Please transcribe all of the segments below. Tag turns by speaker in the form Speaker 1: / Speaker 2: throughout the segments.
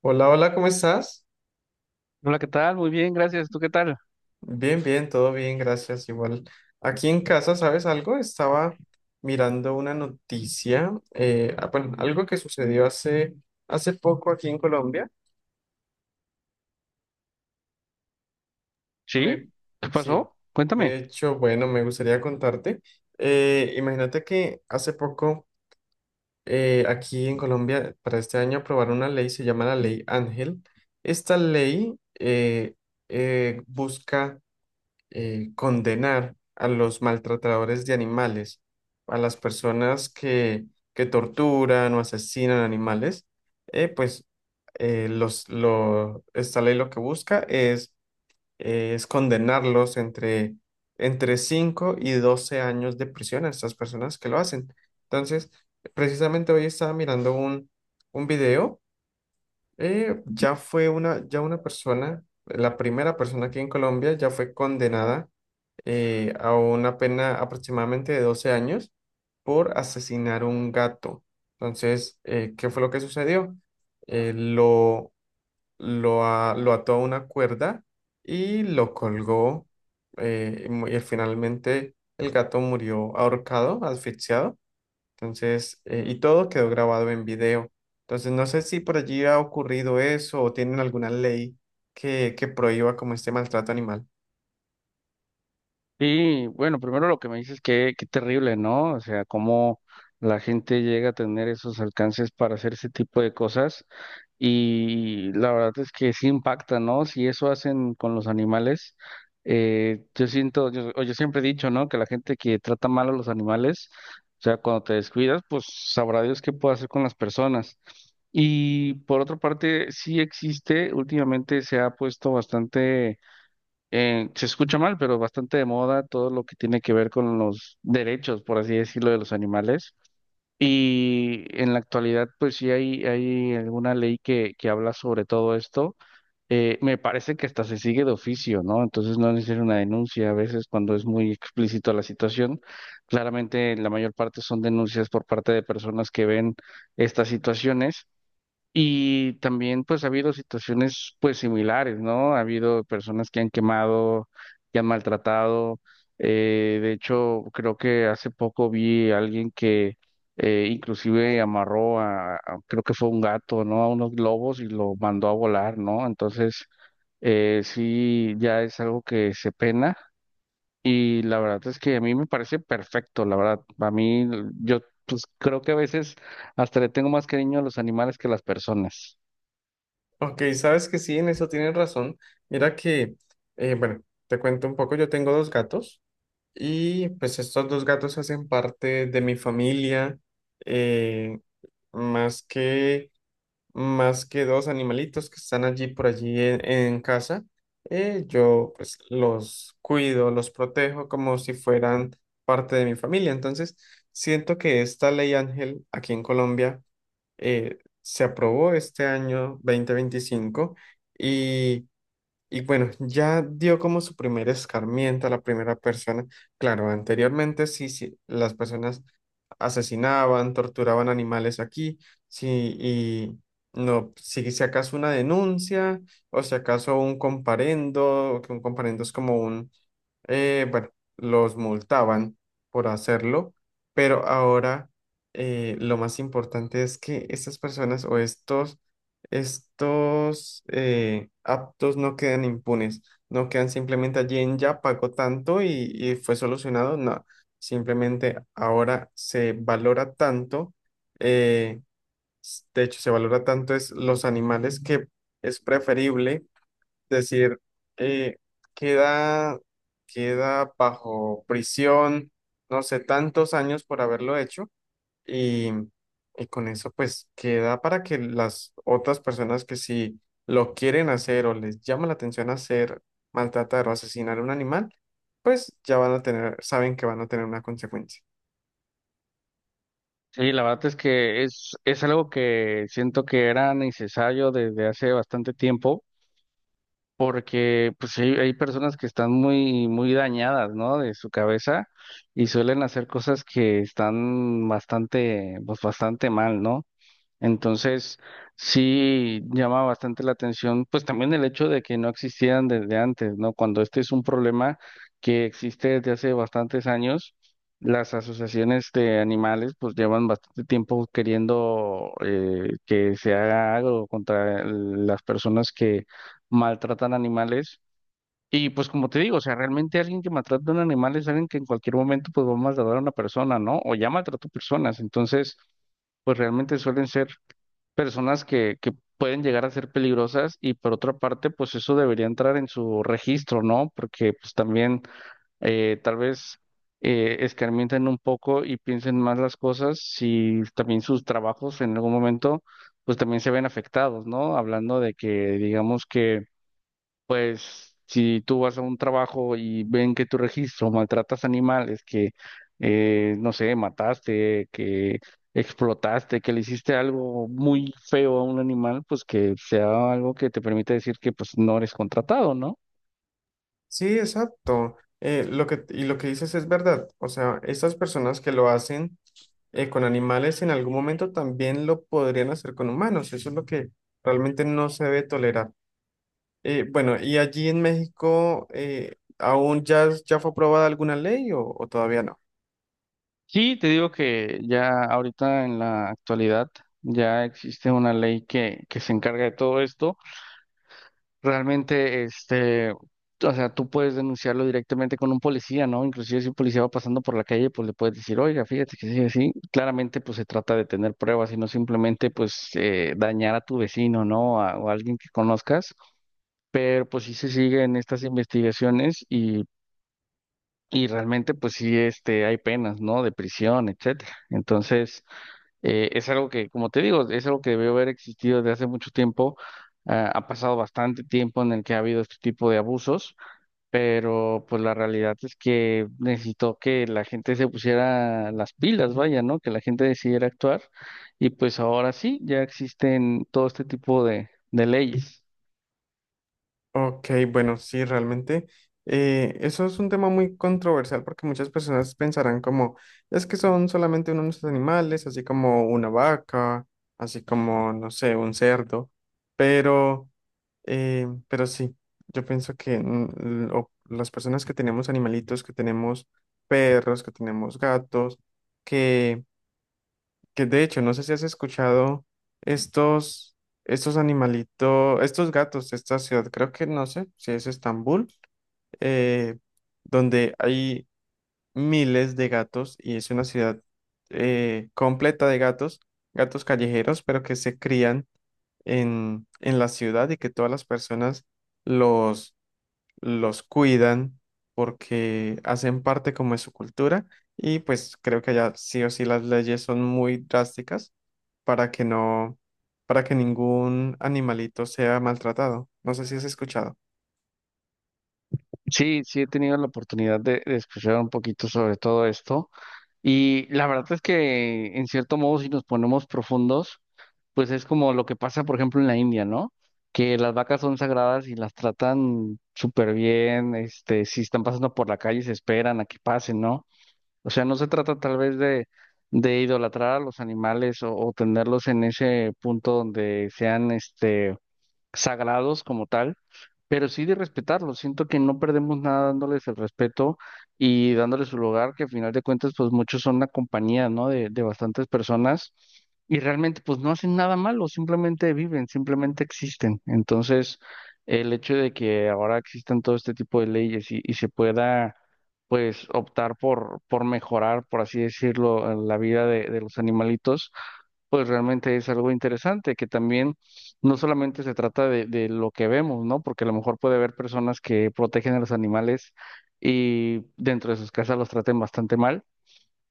Speaker 1: Hola, hola, ¿cómo estás?
Speaker 2: Hola, ¿qué tal? Muy bien, gracias. ¿Tú qué tal?
Speaker 1: Bien, bien, todo bien, gracias. Igual, aquí en casa, ¿sabes algo? Estaba mirando una noticia, bueno, algo que sucedió hace poco aquí en Colombia. Me,
Speaker 2: ¿Sí? ¿Qué
Speaker 1: sí,
Speaker 2: pasó?
Speaker 1: de
Speaker 2: Cuéntame.
Speaker 1: hecho, bueno, me gustaría contarte. Imagínate que hace poco, aquí en Colombia, para este año aprobaron una ley, se llama la Ley Ángel. Esta ley eh, busca condenar a los maltratadores de animales, a las que torturan o asesinan animales, eh, pues esta ley lo que es condenarlos entre 5 y 12 años de prisión a estas personas que lo hacen. Entonces, precisamente hoy estaba mirando un video ya una persona, la primera persona aquí en Colombia ya fue condenada, a una pena aproximadamente de 12 años por asesinar un gato. Entonces, ¿qué fue lo que sucedió? Eh, lo, lo ató a una cuerda y lo colgó, y finalmente el gato murió ahorcado, asfixiado. Entonces, y todo quedó grabado en video. Entonces, no sé si por allí ha ocurrido eso o tienen alguna que prohíba como este maltrato animal.
Speaker 2: Y bueno, primero lo que me dices que qué terrible, ¿no? O sea, cómo la gente llega a tener esos alcances para hacer ese tipo de cosas. Y la verdad es que sí impacta, ¿no? Si eso hacen con los animales, yo siento, yo, o yo siempre he dicho, ¿no? Que la gente que trata mal a los animales, o sea, cuando te descuidas, pues sabrá Dios qué puede hacer con las personas. Y por otra parte, sí existe, últimamente se ha puesto bastante, se escucha mal, pero bastante de moda todo lo que tiene que ver con los derechos, por así decirlo, de los animales. Y en la actualidad, pues sí hay alguna ley que habla sobre todo esto. Me parece que hasta se sigue de oficio, ¿no? Entonces no es necesaria una denuncia. A veces cuando es muy explícito la situación, claramente la mayor parte son denuncias por parte de personas que ven estas situaciones y también pues ha habido situaciones pues similares, ¿no? Ha habido personas que han quemado, que han maltratado. De hecho, creo que hace poco vi a alguien que inclusive amarró a, creo que fue un gato, ¿no? A unos globos y lo mandó a volar, ¿no? Entonces, sí, ya es algo que se pena. Y la verdad es que a mí me parece perfecto, la verdad. A mí, yo pues creo que a veces hasta le tengo más cariño a los animales que a las personas.
Speaker 1: Ok, sabes que sí, en eso tienen razón. Mira que, bueno, te cuento un poco, yo tengo dos gatos y pues estos dos gatos hacen parte de mi familia, eh, más que más que dos animalitos que están allí por allí en casa. Eh, yo pues los cuido, los protejo como si fueran parte de mi familia. Entonces, siento que esta ley Ángel aquí en Colombia se aprobó este año 2025 y, y bueno, ya dio como su primer escarmiento a la primera persona. Claro, anteriormente sí, sí, las personas asesinaban, torturaban animales aquí, sí, y no, si acaso una denuncia o si acaso un comparendo, que un comparendo es como bueno, los multaban por hacerlo, pero ahora lo más importante es que estas personas o estos, estos actos no quedan impunes, no quedan simplemente allí en ya pagó tanto y fue solucionado, no. Simplemente ahora se valora tanto, eh, de hecho se valora tanto es los animales que es preferible decir eh, queda, queda bajo prisión, no sé, tantos años por haberlo hecho y, y con eso pues queda para que las otras personas que si lo quieren hacer o les llama la atención hacer, maltratar o asesinar a un animal, pues ya van a saben que van a tener una consecuencia.
Speaker 2: Sí, la verdad es que es algo que siento que era necesario desde hace bastante tiempo, porque pues hay personas que están muy, muy dañadas, ¿no? De su cabeza y suelen hacer cosas que están bastante, pues bastante mal, ¿no? Entonces, sí llama bastante la atención, pues también el hecho de que no existieran desde antes, ¿no? Cuando este es un problema que existe desde hace bastantes años, las asociaciones de animales pues llevan bastante tiempo queriendo que se haga algo contra las personas que maltratan animales. Y pues como te digo, o sea, realmente alguien que maltrata a un animal es alguien que en cualquier momento pues va a maltratar a una persona, ¿no? O ya maltrató personas, entonces pues realmente suelen ser personas que pueden llegar a ser peligrosas y por otra parte, pues eso debería entrar en su registro, ¿no? Porque pues también tal vez escarmienten un poco y piensen más las cosas si también sus trabajos en algún momento pues también se ven afectados, ¿no? Hablando de que digamos que pues si tú vas a un trabajo y ven que tu registro maltratas animales, que no sé, mataste, que explotaste, que le hiciste algo muy feo a un animal, pues que sea algo que te permita decir que pues no eres contratado, ¿no?
Speaker 1: Sí, exacto. Y lo que dices es verdad. O sea, estas personas que lo hacen con animales en algún momento también lo podrían hacer con humanos. Eso es lo que realmente no se debe tolerar. Bueno, ¿y allí en México, ya fue aprobada alguna ley o todavía no?
Speaker 2: Sí, te digo que ya ahorita en la actualidad ya existe una ley que se encarga de todo esto. Realmente, este, o sea, tú puedes denunciarlo directamente con un policía, ¿no? Inclusive si un policía va pasando por la calle, pues le puedes decir, oiga, fíjate que sí, así. Claramente, pues se trata de tener pruebas y no simplemente, pues, dañar a tu vecino, ¿no? A- o a alguien que conozcas. Pero, pues, sí se siguen estas investigaciones y realmente, pues, sí, este, hay penas, ¿no? De prisión, etcétera. Entonces... Es algo que, como te digo, es algo que debió haber existido desde hace mucho tiempo. Ah, ha pasado bastante tiempo en el que ha habido este tipo de abusos, pero pues la realidad es que necesitó que la gente se pusiera las pilas, vaya, ¿no? Que la gente decidiera actuar y pues ahora sí, ya existen todo este tipo de leyes.
Speaker 1: Ok, bueno, sí, realmente eso es un tema muy controversial porque muchas personas pensarán como, es que son solamente unos animales, así como una vaca, así como, no sé, un cerdo, pero, pero sí, yo pienso que mm, o las personas que tenemos animalitos, que tenemos perros, que tenemos gatos, que de hecho, no sé si has escuchado estos, estos animalitos, estos gatos de esta ciudad, creo que no sé si es Estambul, eh, donde hay miles de gatos y es una ciudad completa de gatos, gatos callejeros, pero que se crían en la ciudad y que todas las personas los, los cuidan porque hacen parte como de su cultura y pues creo que allá sí o sí las leyes son muy drásticas para que no, para que ningún animalito sea maltratado. No sé si has escuchado.
Speaker 2: Sí, sí he tenido la oportunidad de escuchar un poquito sobre todo esto y la verdad es que en cierto modo si nos ponemos profundos, pues es como lo que pasa, por ejemplo, en la India, ¿no? Que las vacas son sagradas y las tratan súper bien, este, si están pasando por la calle se esperan a que pasen, ¿no? O sea, no se trata tal vez de idolatrar a los animales o tenerlos en ese punto donde sean, este, sagrados como tal pero sí de respetarlo. Siento que no perdemos nada dándoles el respeto y dándoles su lugar, que al final de cuentas, pues muchos son una compañía, ¿no? De bastantes personas y realmente, pues no hacen nada malo, simplemente viven, simplemente existen. Entonces, el hecho de que ahora existan todo este tipo de leyes y se pueda, pues, optar por mejorar, por así decirlo, la vida de los animalitos pues realmente es algo interesante, que también no solamente se trata de lo que vemos, ¿no? Porque a lo mejor puede haber personas que protegen a los animales y dentro de sus casas los traten bastante mal,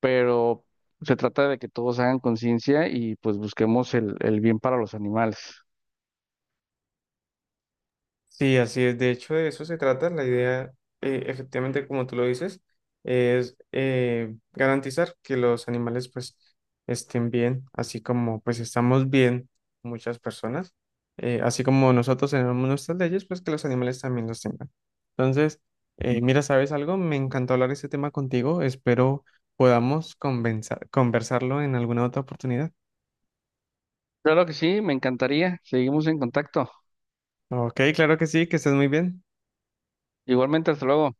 Speaker 2: pero se trata de que todos hagan conciencia y pues busquemos el bien para los animales.
Speaker 1: Sí, así es. De hecho, de eso se trata. Efectivamente, como tú lo dices, es garantizar que los animales pues estén bien, así como pues estamos bien muchas personas, así como nosotros tenemos nuestras leyes, pues que los animales también los tengan. Entonces, mira, ¿sabes algo? Me encantó hablar este tema contigo. Espero podamos conversarlo en alguna otra oportunidad.
Speaker 2: Claro que sí, me encantaría. Seguimos en contacto.
Speaker 1: Ok, claro que sí, que estés muy bien.
Speaker 2: Igualmente, hasta luego.